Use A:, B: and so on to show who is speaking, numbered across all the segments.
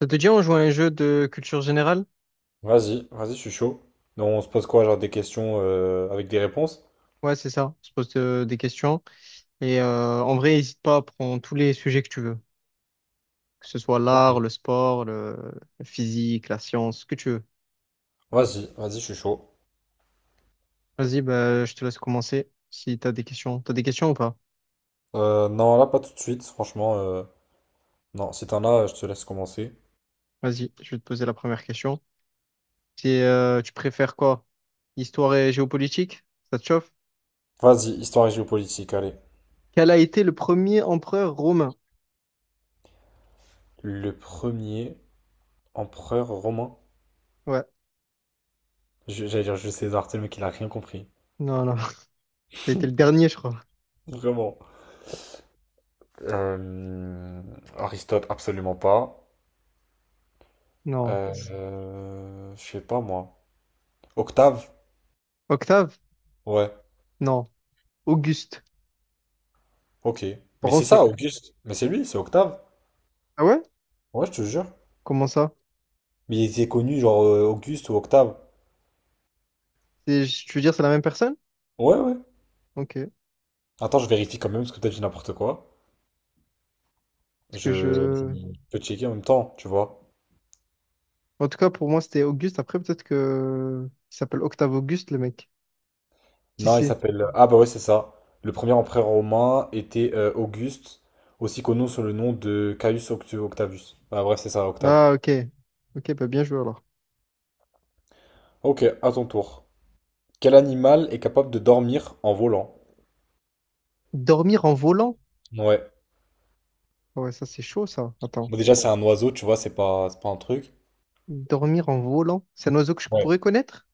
A: Ça te dit, on joue à un jeu de culture générale?
B: Vas-y, vas-y, je suis chaud. Donc, on se pose quoi, genre des questions avec des réponses?
A: Ouais, c'est ça. On se pose des questions. Et en vrai, n'hésite pas à prendre tous les sujets que tu veux. Que ce soit
B: Ok.
A: l'art, le sport, le... la physique, la science, ce que tu veux.
B: Vas-y, vas-y, je suis chaud.
A: Vas-y, bah, je te laisse commencer si tu as des questions. Tu as des questions ou pas?
B: Non, là, pas tout de suite, franchement. Non, si t'en as, je te laisse commencer.
A: Vas-y, je vais te poser la première question. Tu préfères quoi? Histoire et géopolitique? Ça te chauffe?
B: Vas-y, histoire et géopolitique, allez.
A: Quel a été le premier empereur romain?
B: Le premier empereur romain.
A: Ouais.
B: J'allais dire Jules César, c'est le mec, il a rien compris.
A: Non, non. Ça a été le dernier, je crois.
B: Vraiment. Euh, Aristote, absolument pas.
A: Non.
B: Je sais pas, moi. Octave?
A: Octave?
B: Ouais,
A: Non. Auguste.
B: ok.
A: Par
B: Mais c'est
A: contre, il y a-
B: ça, Auguste. Mais c'est lui, c'est Octave.
A: Ah ouais?
B: Ouais, je te jure.
A: Comment ça?
B: Mais il était connu, genre Auguste ou Octave.
A: Tu veux dire c'est la même personne?
B: Ouais, ouais.
A: Ok. Parce
B: Attends, je vérifie quand même, parce que peut-être j'ai n'importe quoi.
A: que
B: Je
A: je.
B: peux checker en même temps, tu vois.
A: En tout cas, pour moi, c'était Auguste. Après, peut-être que. Il s'appelle Octave Auguste, le mec. Qui
B: Non, il
A: c'est?
B: s'appelle. Ah, bah ouais, c'est ça. Le premier empereur romain était Auguste, aussi connu sous le nom de Caius Octavius. Ah, bref, c'est ça, Octave.
A: Ah, ok. Ok, bah bien joué alors.
B: Ok, à ton tour. Quel animal est capable de dormir en volant?
A: Dormir en volant?
B: Ouais.
A: Ah ouais, ça, c'est chaud, ça. Attends.
B: Bon, déjà, c'est un oiseau, tu vois, c'est pas un truc.
A: Dormir en volant? C'est un oiseau que je
B: Ouais.
A: pourrais connaître?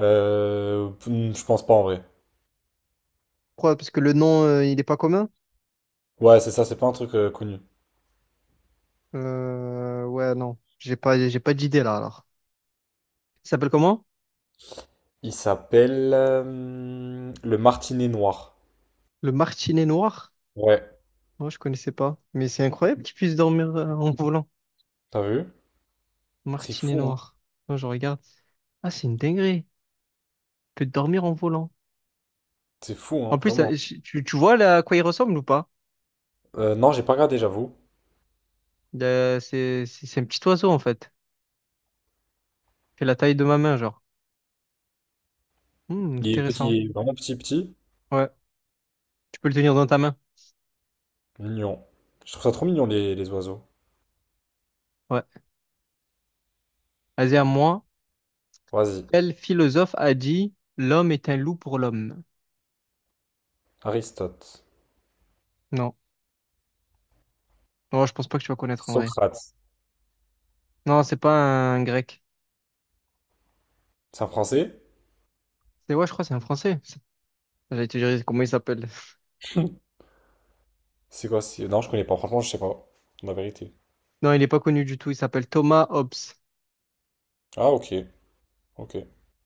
B: Je pense pas en vrai.
A: Pourquoi? Parce que le nom, il est pas commun?
B: Ouais, c'est ça, c'est pas un truc connu.
A: Ouais, non. J'ai pas d'idée là, alors. Il s'appelle comment?
B: Il s'appelle le Martinet Noir.
A: Le martinet noir?
B: Ouais,
A: Moi, je connaissais pas. Mais c'est incroyable qu'il puisse dormir en volant.
B: t'as vu? C'est
A: Martinet
B: fou, hein?
A: noir. Moi, je regarde. Ah, c'est une dinguerie. Tu peux dormir en volant.
B: C'est fou,
A: En
B: hein,
A: plus,
B: vraiment.
A: tu vois là, à quoi il ressemble ou pas?
B: Non, j'ai pas regardé, j'avoue.
A: C'est un petit oiseau en fait. Il fait la taille de ma main, genre. Hmm,
B: Il est petit,
A: intéressant.
B: il est vraiment petit.
A: Ouais. Tu peux le tenir dans ta main.
B: Mignon. Je trouve ça trop mignon, les oiseaux.
A: Ouais. Vas-y, à moi.
B: Vas-y.
A: Quel philosophe a dit l'homme est un loup pour l'homme?
B: Aristote.
A: Non. Non, je pense pas que tu vas connaître en vrai.
B: Socrate.
A: Non, c'est pas un grec.
B: C'est un français?
A: C'est ouais, je crois que c'est un français. C'est- J'allais te dire comment il s'appelle.
B: Non, je connais pas. Franchement, je sais pas. La vérité.
A: Non, il est pas connu du tout. Il s'appelle Thomas Hobbes.
B: Ah, ok. Ok.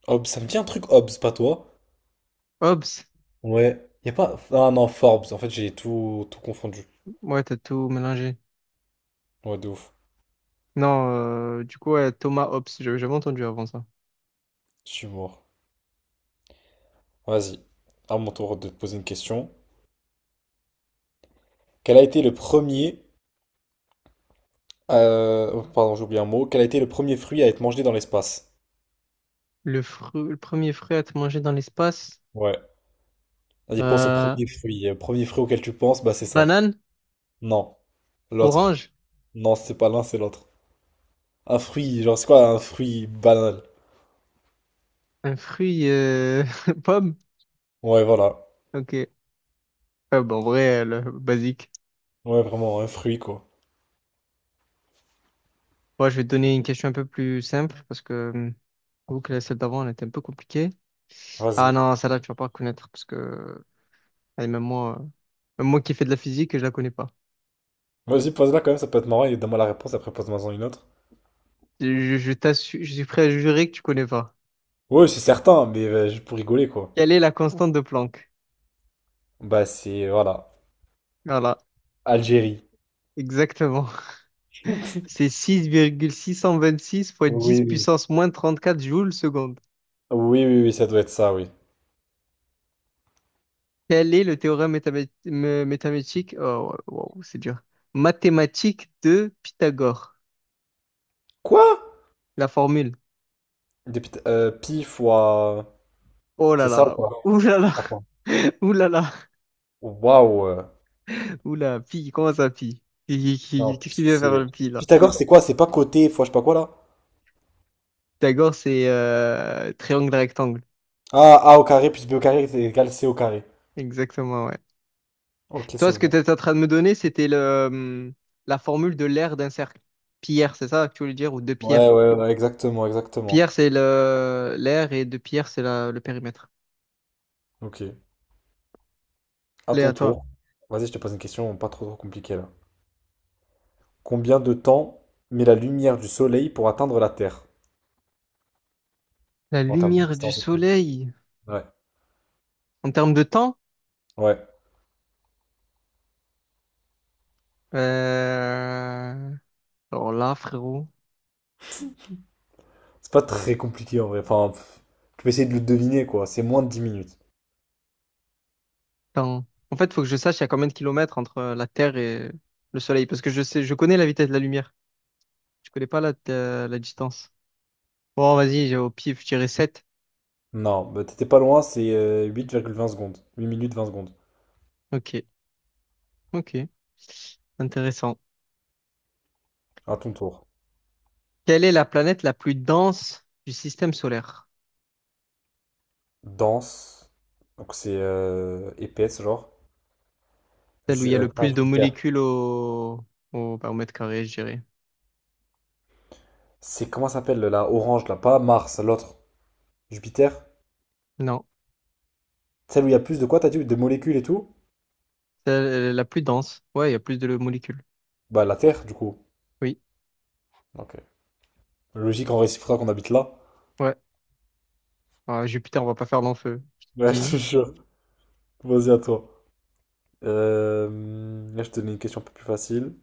B: Hobbes, ça me dit un truc, Hobbes, pas toi?
A: Hobbes?
B: Ouais. Y a pas. Ah non, Forbes. En fait, j'ai tout confondu.
A: Ouais, t'as tout mélangé.
B: Ouais, de ouf.
A: Non, du coup, ouais, Thomas Hobbes, j'avais jamais entendu avant ça.
B: Je suis mort. Vas-y, à mon tour de te poser une question. Quel a été le premier... oh, Pardon, j'ai oublié un mot. Quel a été le premier fruit à être mangé dans l'espace?
A: Le premier fruit à être mangé dans l'espace,
B: Ouais. Vas-y, pense au
A: euh,
B: premier fruit. Le premier fruit auquel tu penses, bah c'est ça.
A: banane,
B: Non. L'autre.
A: orange,
B: Non, c'est pas l'un, c'est l'autre. Un fruit, genre c'est quoi un fruit banal?
A: un fruit, euh, pomme.
B: Ouais, voilà.
A: Ok. Ouais, bon, en vrai, le basique.
B: Ouais, vraiment, un fruit quoi.
A: Moi, je vais te donner une question un peu plus simple parce que, j'avoue que la celle d'avant, elle était un peu compliquée. Ah
B: Vas-y.
A: non, celle-là, tu vas pas reconnaître parce que, allez, même moi qui fais de la physique, je la connais pas.
B: Vas-y, pose-la quand même, ça peut être marrant et donne-moi la réponse, après pose-moi-en une autre.
A: Je t'assure, je suis prêt à jurer que tu connais pas.
B: Ouais, c'est certain, mais juste pour rigoler quoi.
A: Quelle est la constante de Planck?
B: Bah c'est... Voilà.
A: Voilà,
B: Algérie.
A: exactement. C'est six virgule six cent vingt-six fois 10
B: Oui, oui.
A: puissance moins 34 joules seconde.
B: Oui, oui, oui, ça doit être ça, oui.
A: Quel est le théorème métamétique. Oh, wow, wow, c'est dur. Mathématique de Pythagore.
B: Quoi?
A: La formule.
B: Pi fois...
A: Oh là
B: C'est ça ou
A: là.
B: quoi?
A: Ouh là là.
B: Attends.
A: Ouh là là.
B: Waouh!
A: Ouh là. Pi. Comment ça, pi?
B: Non,
A: Qu'est-ce
B: pi
A: qu'il vient faire
B: c'est...
A: le pi là?
B: Pythagore c'est quoi? C'est pas côté fois je sais pas quoi là?
A: Pythagore, c'est triangle rectangle.
B: Ah, a au carré plus b au carré c'est égal c au carré.
A: Exactement, ouais.
B: Ok, c'est
A: Toi, ce que tu
B: bon.
A: étais en train de me donner, c'était la formule de l'aire d'un cercle. Pierre, c'est ça que tu voulais dire? Ou de Pierre.
B: Ouais, ouais, ouais, exactement, exactement.
A: Pierre, c'est le l'air et de pierre, le périmètre.
B: Ok. À
A: Allez, à
B: ton
A: toi.
B: tour. Vas-y, je te pose une question pas trop compliquée là. Combien de temps met la lumière du soleil pour atteindre la Terre?
A: La
B: En termes de
A: lumière du
B: distance et tout.
A: soleil.
B: Ouais.
A: En termes de temps,
B: Ouais.
A: euh, alors là, frérot,
B: C'est pas très compliqué en vrai. Enfin, pff, tu peux essayer de le deviner quoi. C'est moins de 10 minutes.
A: temps. En fait, faut que je sache il y a combien de kilomètres entre la Terre et le soleil, parce que je sais, je connais la vitesse de la lumière. Je connais pas la, la distance. Bon, vas-y, j'ai au pif, je dirais 7.
B: Non, bah, t'étais pas loin, c'est huit virgule vingt secondes. Huit minutes 20 secondes.
A: Ok, ok, intéressant.
B: À ton tour.
A: Quelle est la planète la plus dense du système solaire?
B: Dense. Donc c'est épaisse, genre.
A: Celle où il y a le
B: Pas
A: plus de
B: Jupiter.
A: molécules bah, au mètre carré, je dirais.
B: C'est comment ça s'appelle la orange là? Pas Mars, l'autre. Jupiter?
A: Non,
B: Celle où il y a plus de quoi, t'as dit? De molécules et tout?
A: c'est la plus dense. Ouais, il y a plus de molécules.
B: Bah la Terre, du coup.
A: Oui,
B: Ok. Logique en réciproque qu'on habite là.
A: ouais. Ah, Jupiter, on va pas faire long feu. Je te
B: Ouais, je te
A: dis.
B: jure. Vas-y à toi. Là, je te donne une question un peu plus facile.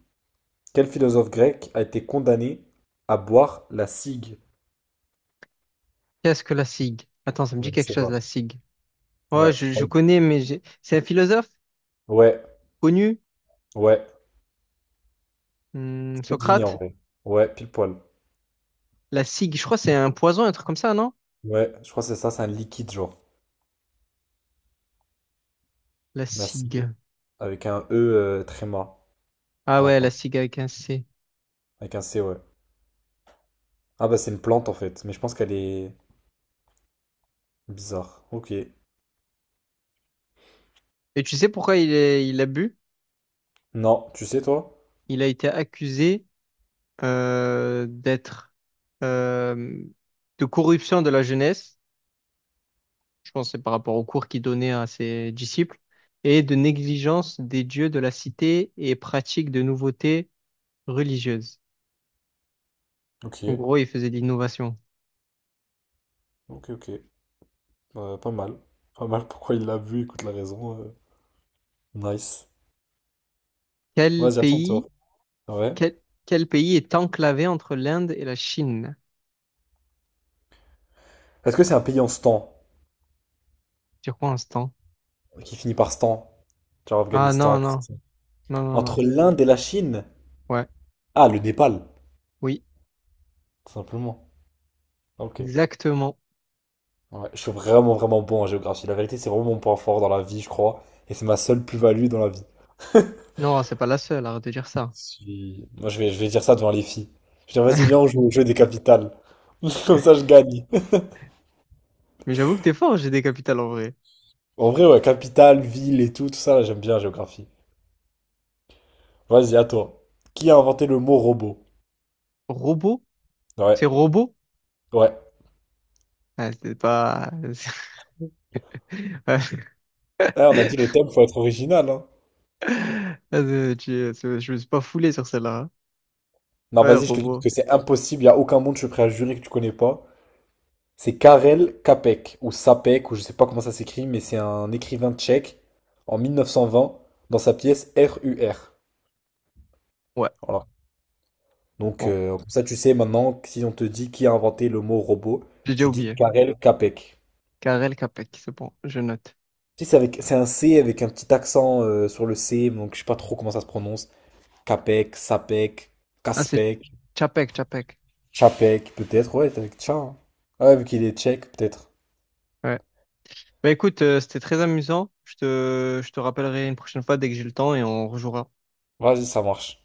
B: Quel philosophe grec a été condamné à boire la cigue?
A: Qu'est-ce que la SIG? Attends, ça me
B: Je
A: dit
B: ne
A: quelque
B: sais
A: chose,
B: pas.
A: la SIG. Ouais,
B: Ouais.
A: je connais, mais j'ai- c'est un philosophe
B: Ouais,
A: connu.
B: ouais,
A: Hmm,
B: tu peux deviner en
A: Socrate.
B: vrai. Ouais, pile poil.
A: La SIG, je crois que c'est un poison, un truc comme ça, non?
B: Ouais, je crois que c'est ça, c'est un liquide genre.
A: La
B: Nassif.
A: SIG.
B: Avec un E tréma
A: Ah
B: à la
A: ouais, la
B: fin.
A: SIG avec un C.
B: Avec un C, ouais. Ah bah c'est une plante en fait, mais je pense qu'elle est bizarre. Ok.
A: Et tu sais pourquoi il a bu?
B: Non, tu sais toi?
A: Il a été accusé d'être euh, de corruption de la jeunesse. Je pense que c'est par rapport aux cours qu'il donnait à ses disciples, et de négligence des dieux de la cité et pratique de nouveautés religieuses.
B: Ok,
A: En gros, il faisait de l'innovation.
B: ok, ok. Pas mal. Pas mal, pourquoi il l'a vu, écoute la raison. Nice.
A: Quel
B: Vas-y, à ton
A: pays,
B: tour. Ouais.
A: quel, quel pays est enclavé entre l'Inde et la Chine?
B: Est-ce que c'est un pays en stan?
A: Sur quoi instant?
B: Qui finit par stan? Genre
A: Ah
B: Afghanistan.
A: non,
B: Tout
A: non,
B: ça.
A: non, non, non.
B: Entre l'Inde et la Chine?
A: Ouais,
B: Ah, le Népal.
A: oui,
B: Tout simplement. Ok.
A: exactement.
B: Ouais, je suis vraiment bon en géographie. La vérité, c'est vraiment mon point fort dans la vie, je crois. Et c'est ma seule plus-value dans la vie.
A: Non, c'est pas la seule, arrête de dire ça.
B: Moi, je vais dire ça devant les filles. Je dis, vas-y, viens, on joue au jeu des capitales. Comme ça, je gagne.
A: Mais j'avoue que t'es fort, j'ai des capitales en vrai.
B: En vrai, ouais, capitale, ville et tout, tout ça, là, j'aime bien la géographie. Vas-y, à toi. Qui a inventé le mot robot?
A: Robot?
B: Ouais,
A: C'est robot?
B: ouais.
A: Ah, c'est pas...
B: Eh, on a dit le thème, faut être original, hein.
A: Ouais, je me suis pas foulé sur celle-là, hein.
B: Non,
A: Ouais,
B: vas-y, je te dis parce
A: robot.
B: que c'est impossible, il a aucun monde, je suis prêt à jurer que tu connais pas. C'est Karel Čapek ou Sapek ou je sais pas comment ça s'écrit, mais c'est un écrivain tchèque en 1920 dans sa pièce RUR.
A: Ouais,
B: Voilà. Donc
A: bon,
B: comme ça tu sais maintenant que si on te dit qui a inventé le mot robot,
A: j'ai déjà
B: tu dis
A: oublié.
B: Karel Čapek.
A: Karel Čapek, c'est bon, je note.
B: Tu c'est avec c'est un C avec un petit accent sur le C, donc je sais pas trop comment ça se prononce. Kapek, Sapek,
A: Ah, c'est
B: Kaspek,
A: Čapek, Čapek.
B: Chapek peut-être. Ouais, c'est avec Tcha. Hein. Ouais, vu qu'il est tchèque peut-être.
A: Ouais. Bah écoute, c'était très amusant. Je te rappellerai une prochaine fois dès que j'ai le temps et on rejouera.
B: Vas-y, ça marche.